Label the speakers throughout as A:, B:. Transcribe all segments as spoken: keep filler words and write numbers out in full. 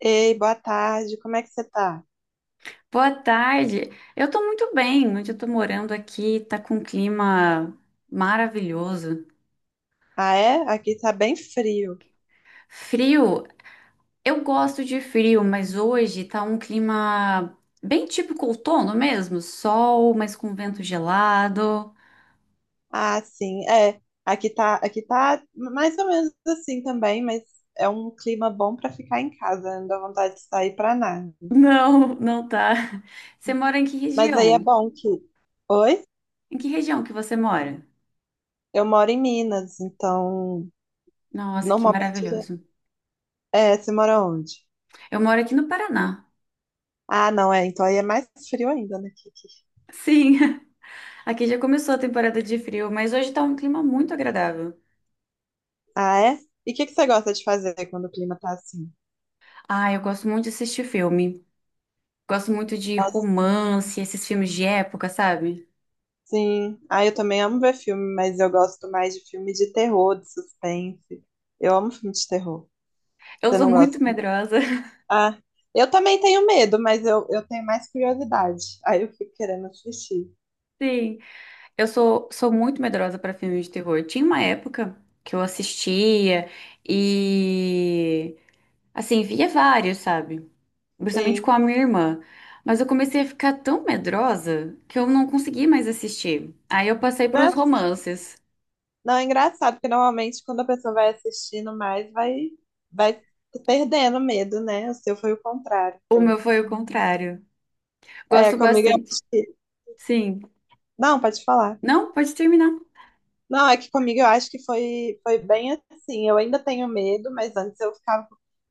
A: Ei, boa tarde, como é que você tá?
B: Boa tarde. Eu tô muito bem. Onde eu tô morando aqui tá com um clima maravilhoso.
A: Ah, é? Aqui tá bem frio.
B: Frio, eu gosto de frio, mas hoje tá um clima bem típico outono mesmo, sol, mas com vento gelado.
A: Ah, sim, é. Aqui tá, aqui tá mais ou menos assim também, mas é um clima bom pra ficar em casa, não dá vontade de sair pra nada.
B: Não, não tá. Você mora em que
A: Mas aí é
B: região?
A: bom que. Oi?
B: Em que região que você mora?
A: Eu moro em Minas, então
B: Nossa, que
A: normalmente já.
B: maravilhoso.
A: É, você mora onde?
B: Eu moro aqui no Paraná.
A: Ah, não, é, então aí é mais frio ainda, né? que- que-
B: Sim, aqui já começou a temporada de frio, mas hoje tá um clima muito agradável.
A: Ah, é? E o que que você gosta de fazer quando o clima tá assim?
B: Ah, eu gosto muito de assistir filme. Gosto muito de romance, esses filmes de época, sabe?
A: Sim, ah, eu também amo ver filme, mas eu gosto mais de filme de terror, de suspense. Eu amo filme de terror.
B: Eu
A: Você
B: sou
A: não gosta?
B: muito
A: Não?
B: medrosa.
A: Ah, eu também tenho medo, mas eu, eu tenho mais curiosidade. Aí eu fico querendo assistir.
B: Sim, eu sou, sou muito medrosa pra filmes de terror. Tinha uma época que eu assistia e, assim, via vários, sabe? Principalmente com
A: Sim.
B: a minha irmã. Mas eu comecei a ficar tão medrosa que eu não consegui mais assistir. Aí eu passei pros
A: Mas,
B: romances.
A: não, é engraçado, porque normalmente quando a pessoa vai assistindo mais, vai, vai perdendo medo, né? O seu foi o contrário.
B: O
A: Então.
B: meu foi o contrário.
A: É,
B: Gosto
A: comigo eu
B: bastante.
A: acho que.
B: Sim.
A: Não, pode falar.
B: Não, pode terminar.
A: Não, é que comigo eu acho que foi, foi bem assim. Eu ainda tenho medo, mas antes eu ficava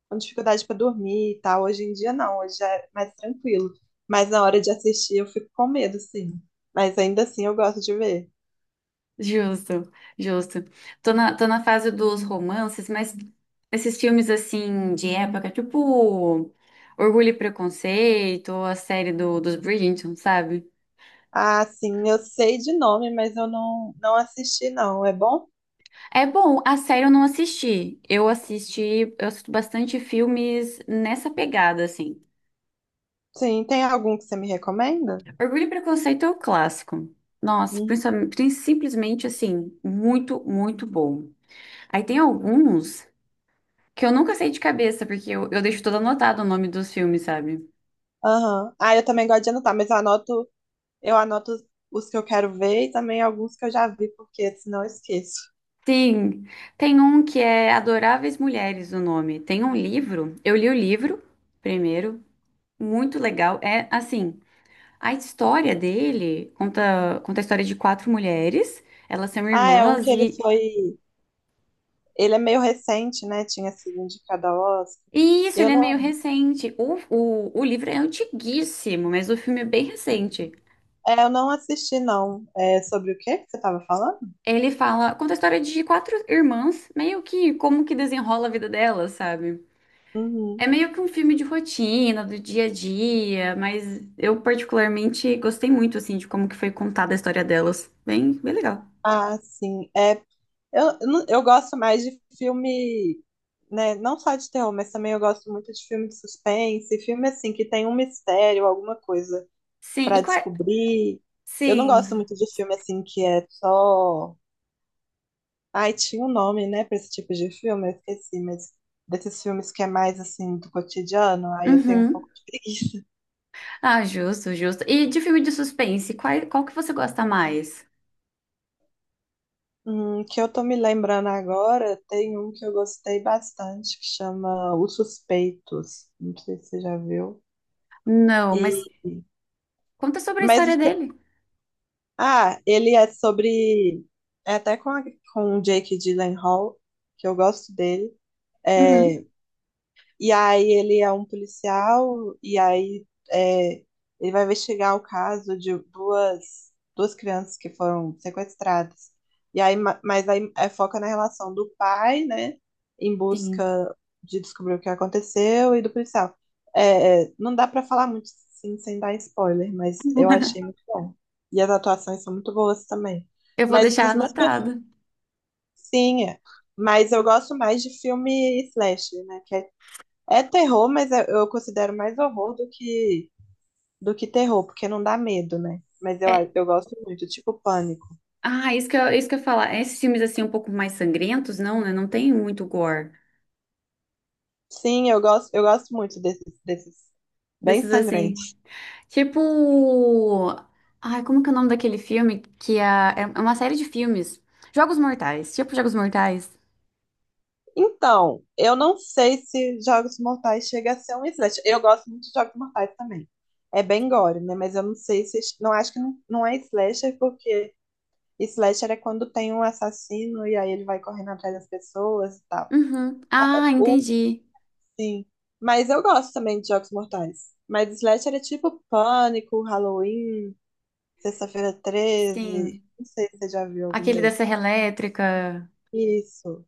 A: com dificuldade para dormir e tal. Hoje em dia não, hoje é mais tranquilo. Mas na hora de assistir eu fico com medo, sim. Mas ainda assim eu gosto de ver.
B: Justo, justo. Tô na, tô na fase dos romances, mas esses filmes assim de época, tipo Orgulho e Preconceito, ou a série do, dos Bridgerton, sabe?
A: Ah, sim, eu sei de nome, mas eu não, não assisti, não. É bom?
B: É bom, a série eu não assisti. Eu assisti, eu assisto bastante filmes nessa pegada, assim.
A: Sim, tem algum que você me recomenda?
B: Orgulho e Preconceito é o clássico. Nossa,
A: Hum.
B: principalmente- prin- simplesmente assim, muito, muito bom. Aí tem alguns que eu nunca sei de cabeça, porque eu, eu deixo todo anotado o nome dos filmes, sabe?
A: Aham. Ah, eu também gosto de anotar, mas eu anoto, eu anoto os os que eu quero ver e também alguns que eu já vi, porque senão eu esqueço.
B: Sim, tem um que é Adoráveis Mulheres, o nome. Tem um livro, eu li o livro primeiro, muito legal. É assim, a história dele conta, conta a história de quatro mulheres, elas são
A: Ah, é um que
B: irmãs
A: ele
B: e,
A: foi. Ele é meio recente, né? Tinha sido indicado ao Oscar.
B: e isso,
A: Eu
B: ele é meio
A: não,
B: recente. O, o, o livro é antiguíssimo, mas o filme é bem recente.
A: é, eu não assisti, não. É sobre o quê que você estava falando?
B: Ele fala, conta a história de quatro irmãs, meio que como que desenrola a vida delas, sabe?
A: Uhum.
B: É meio que um filme de rotina, do dia a dia, mas eu particularmente gostei muito, assim, de como que foi contada a história delas. Bem, bem legal.
A: Ah, sim. É, eu, eu não- eu gosto mais de filme, né? Não só de terror, mas também eu gosto muito de filme de suspense, filme assim que tem um mistério, alguma coisa
B: Sim, e
A: para
B: qual... é,
A: descobrir. Eu não gosto
B: sim.
A: muito de filme assim que é só. Ai, tinha um nome, né, pra esse tipo de filme, eu esqueci, mas desses filmes que é mais assim do cotidiano, aí eu tenho um pouco
B: Uhum.
A: de preguiça.
B: Ah, justo, justo. E de filme de suspense, qual, qual que você gosta mais?
A: Hum, que eu tô me lembrando agora, tem um que eu gostei bastante, que chama Os Suspeitos. Não sei se você já viu.
B: Não,
A: E,
B: mas conta sobre a
A: mas
B: história
A: o que eu-
B: dele.
A: ah, ele é sobre, é até com a- com o Jake Gyllenhaal, que eu gosto dele. É,
B: Uhum.
A: e aí ele é um policial, e aí é, ele vai investigar o caso de duas, duas crianças que foram sequestradas. E aí, ma- mas aí é, foca na relação do pai, né? Em
B: Sim.
A: busca de descobrir o que aconteceu, e do policial. É, é, não dá pra falar muito assim, sem dar spoiler, mas eu achei muito bom. E as atuações são muito boas também.
B: Eu vou
A: Mas
B: deixar
A: os meus perfis,
B: anotado.
A: sim, é, mas eu gosto mais de filme slasher, né? É terror, mas eu eu considero mais horror do que do que terror, porque não dá medo, né? Mas eu,
B: É...
A: eu gosto muito, tipo pânico.
B: Ah, isso que eu, isso que eu ia falar. Esses filmes, assim, um pouco mais sangrentos, não, né? Não tem muito gore.
A: Sim, eu gosto, eu gosto muito desses, desses bem
B: Desses, assim...
A: sangrentos.
B: Tipo. Ai, como que é o nome daquele filme? Que a... é uma série de filmes. Jogos Mortais. Tipo Jogos Mortais.
A: Então, eu não sei se Jogos Mortais chega a ser um slasher. Eu gosto muito de Jogos Mortais também. É bem gore, né? Mas eu não sei se. Não acho que não, não é slasher, porque slasher é quando tem um assassino e aí ele vai correndo atrás das pessoas e tal.
B: Uhum. Ah, entendi.
A: Sim. Mas eu gosto também de Jogos Mortais. Mas Slash era tipo Pânico, Halloween, Sexta-feira Treze.
B: Sim.
A: Não sei se você já viu algum
B: Aquele da
A: desses.
B: Serra Elétrica.
A: Isso.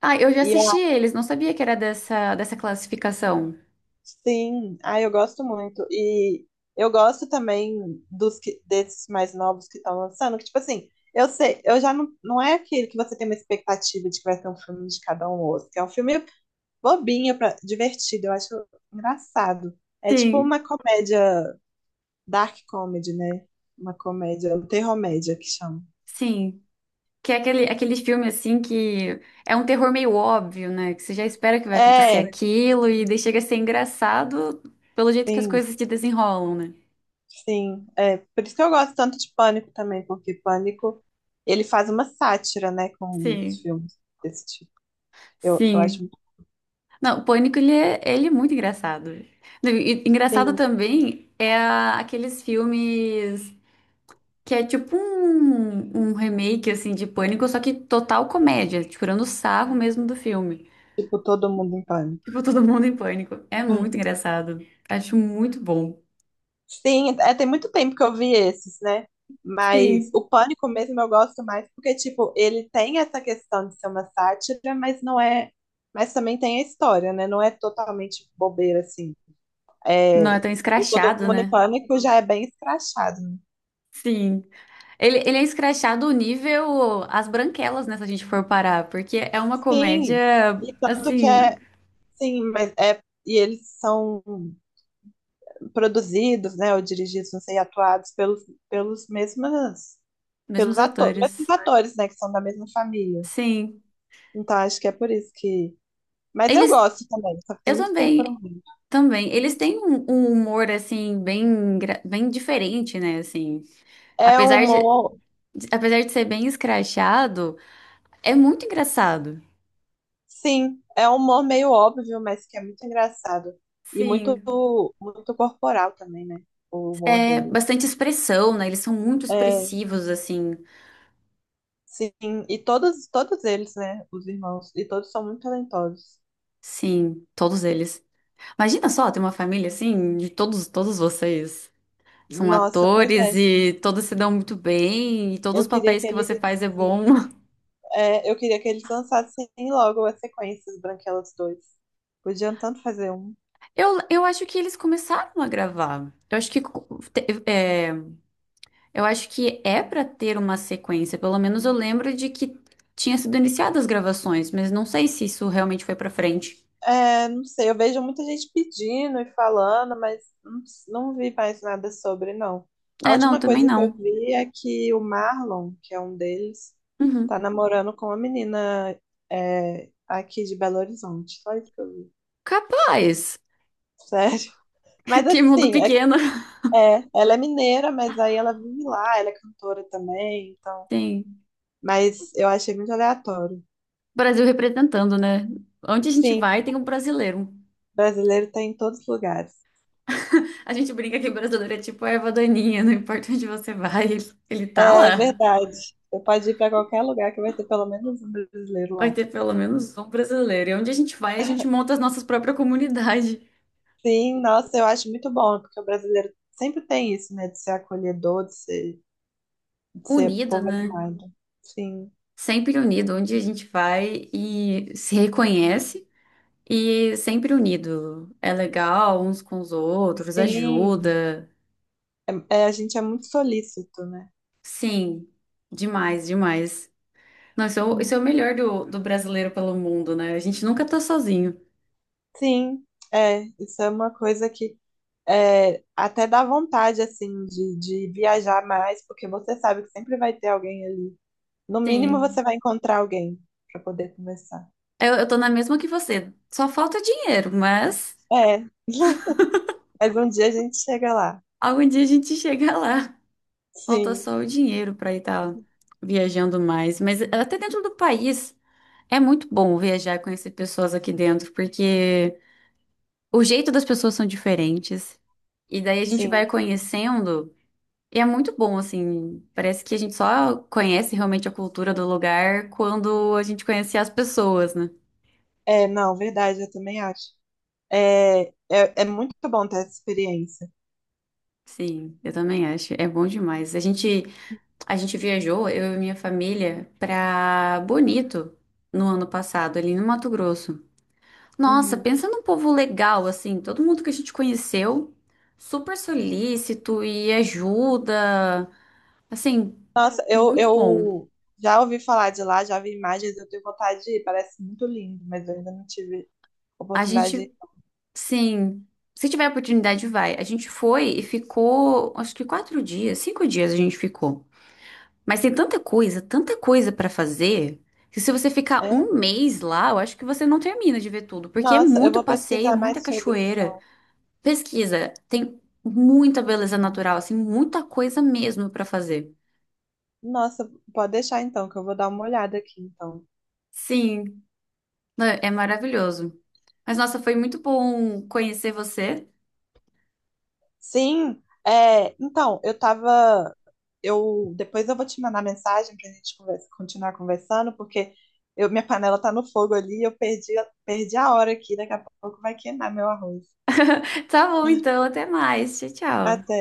B: Ah, eu já
A: E
B: assisti
A: a-
B: eles, não sabia que era dessa, dessa classificação.
A: sim, ah, eu gosto muito. E eu gosto também dos que- desses mais novos que estão lançando, que tipo assim, eu sei, eu já não, não é aquele que você tem uma expectativa de que vai ser um filme de cada um ou outro, que é um filme bobinho, pra, divertido, eu acho engraçado. É tipo
B: Sim.
A: uma comédia. Dark comedy, né? Uma comédia, um terrormédia que chama.
B: Sim. Que é aquele, aquele filme assim que é um terror meio óbvio, né? Que você já espera que vai acontecer
A: É,
B: aquilo e daí chega a ser engraçado pelo jeito que as
A: sim,
B: coisas se desenrolam, né?
A: sim. É, por isso que eu gosto tanto de Pânico também, porque Pânico, ele faz uma sátira, né, com os
B: Sim.
A: filmes desse tipo. Eu, eu acho
B: Sim.
A: muito,
B: Não, o Pânico, ele é, ele é muito engraçado. e- Engraçado
A: sim,
B: também é a- aqueles filmes que é tipo um, um, remake, assim, de Pânico, só que total comédia, tirando o sarro mesmo do filme.
A: tipo, todo mundo em pânico.
B: Tipo, todo mundo em pânico. É
A: Hum.
B: muito engraçado. Acho muito bom.
A: Sim, é, tem muito tempo que eu vi esses, né? Mas
B: Sim.
A: o Pânico mesmo eu gosto mais porque, tipo, ele tem essa questão de ser uma sátira, mas não é. Mas também tem a história, né? Não é totalmente bobeira, assim.
B: Não é
A: É,
B: tão
A: o Todo
B: escrachado,
A: Mundo em
B: né?
A: Pânico já é bem escrachado, né?
B: Sim. Ele, ele é escrachado nível As Branquelas, né, se a gente for parar, porque é uma
A: Sim,
B: comédia,
A: e tanto que
B: assim,
A: é, sim, mas é, e eles são produzidos, né, ou dirigidos, não sei, atuados pelos, pelos mesmas, pelos
B: mesmos
A: atores, mesmos
B: atores.
A: atores, né, que são da mesma família.
B: Sim.
A: Então acho que é por isso que. Mas eu
B: Eles
A: gosto também, só que tem
B: Eu
A: muito tempo que eu não
B: também,
A: vejo.
B: também. Eles têm um, um, humor, assim, bem, engra- bem diferente, né, assim.
A: É um
B: Apesar de,
A: humor,
B: de- apesar de ser bem escrachado, é muito engraçado.
A: sim, é um humor meio óbvio, mas que é muito engraçado. E muito,
B: Sim.
A: muito corporal também, né? O humor
B: É
A: dele.
B: bastante expressão, né? Eles são muito expressivos, assim.
A: Sim, e todos, todos eles, né, os irmãos, e todos são muito talentosos.
B: Sim, todos eles. Imagina só, ter uma família, assim, de todos, todos vocês. São
A: Nossa, pois
B: atores
A: é.
B: e todos se dão muito bem, e todos
A: Eu
B: os
A: queria
B: papéis
A: que
B: que
A: eles,
B: você faz é bom.
A: sim, é, eu queria que eles lançassem logo as sequências Branquelas dois. Podiam tanto fazer um.
B: Eu, eu acho que eles começaram a gravar. Eu acho que é, Eu acho que é pra ter uma sequência. Pelo menos eu lembro de que tinha sido iniciadas as gravações, mas não sei se isso realmente foi pra frente.
A: É, não sei, eu vejo muita gente pedindo e falando, mas não, não vi mais nada sobre, não. A
B: É, não,
A: última
B: também
A: coisa que eu
B: não.
A: vi é que o Marlon, que é um deles, tá
B: Uhum.
A: namorando com uma menina, é, aqui de Belo Horizonte. Só isso que eu vi.
B: Capaz!
A: Sério. Mas
B: Que mundo
A: assim, é, que-
B: pequeno.
A: é, ela é mineira, mas aí ela vive lá, ela é cantora também, então.
B: Sim.
A: Mas eu achei muito aleatório.
B: Brasil representando, né? Onde a gente
A: Sim,
B: vai, tem um brasileiro.
A: brasileiro tem em todos os lugares.
B: A gente brinca que o brasileiro é tipo a erva daninha, não importa onde você vai, ele, ele tá
A: É
B: lá.
A: verdade. Você pode ir para qualquer lugar que vai ter pelo menos um brasileiro
B: Vai
A: lá.
B: ter pelo menos um brasileiro. E onde a gente vai, a gente monta as nossas próprias comunidades.
A: Sim, nossa, eu acho muito bom, porque o brasileiro sempre tem isso, né, de ser acolhedor, de ser, de ser
B: Unido,
A: povo
B: né?
A: animado. Sim,
B: Sempre unido, onde a gente vai e se reconhece e sempre unido. É legal uns com os outros,
A: sim.
B: ajuda.
A: É, é, a gente é muito solícito, né?
B: Sim, demais, demais. Não, isso é o,
A: Hum.
B: isso é o melhor do, do brasileiro pelo mundo, né? A gente nunca tá sozinho.
A: Sim, é, isso é uma coisa que é, até dá vontade, assim, de, de viajar mais, porque você sabe que sempre vai ter alguém ali. No mínimo, você
B: Sim,
A: vai encontrar alguém para poder conversar.
B: eu, eu tô na mesma que você. Só falta dinheiro, mas
A: É, mas um dia a gente chega lá.
B: algum dia a gente chega lá. Falta
A: Sim,
B: só o dinheiro pra ir tá viajando mais. Mas até dentro do país. É muito bom viajar e conhecer pessoas aqui dentro, porque o jeito das pessoas são diferentes. E daí a gente
A: sim.
B: vai conhecendo. E é muito bom, assim. Parece que a gente só conhece realmente a cultura do lugar quando a gente conhece as pessoas, né?
A: É, não, verdade, eu também acho. É, é, é muito bom ter essa experiência.
B: Sim, eu também acho. É bom demais. A gente, a gente viajou, eu e minha família, pra Bonito no ano passado, ali no Mato Grosso. Nossa,
A: Uhum.
B: pensa num povo legal, assim. Todo mundo que a gente conheceu, super solícito e ajuda. Assim,
A: Nossa, eu,
B: muito bom.
A: eu já ouvi falar de lá, já vi imagens, eu tenho vontade de ir, parece muito lindo, mas eu ainda não tive
B: A
A: oportunidade de ir.
B: gente, sim, se tiver oportunidade, vai. A gente foi e ficou, acho que quatro dias, cinco dias a gente ficou. Mas tem tanta coisa, tanta coisa pra fazer, que se você ficar
A: É?
B: um mês lá, eu acho que você não termina de ver tudo, porque é
A: Nossa, eu
B: muito
A: vou
B: passeio,
A: pesquisar
B: muita
A: mais sobre
B: cachoeira.
A: então.
B: Pesquisa, tem muita beleza natural, assim, muita coisa mesmo pra fazer.
A: Nossa, pode deixar então, que eu vou dar uma olhada aqui então.
B: Sim, não, é maravilhoso. Mas nossa, foi muito bom conhecer você.
A: Sim, é, então, eu tava. Eu, depois eu vou te mandar mensagem pra gente conversa- continuar conversando, porque eu, minha panela tá no fogo ali, eu perdi, perdi a hora aqui, daqui a pouco vai queimar meu arroz.
B: Tá bom, então, até mais. Tchau, tchau.
A: Até.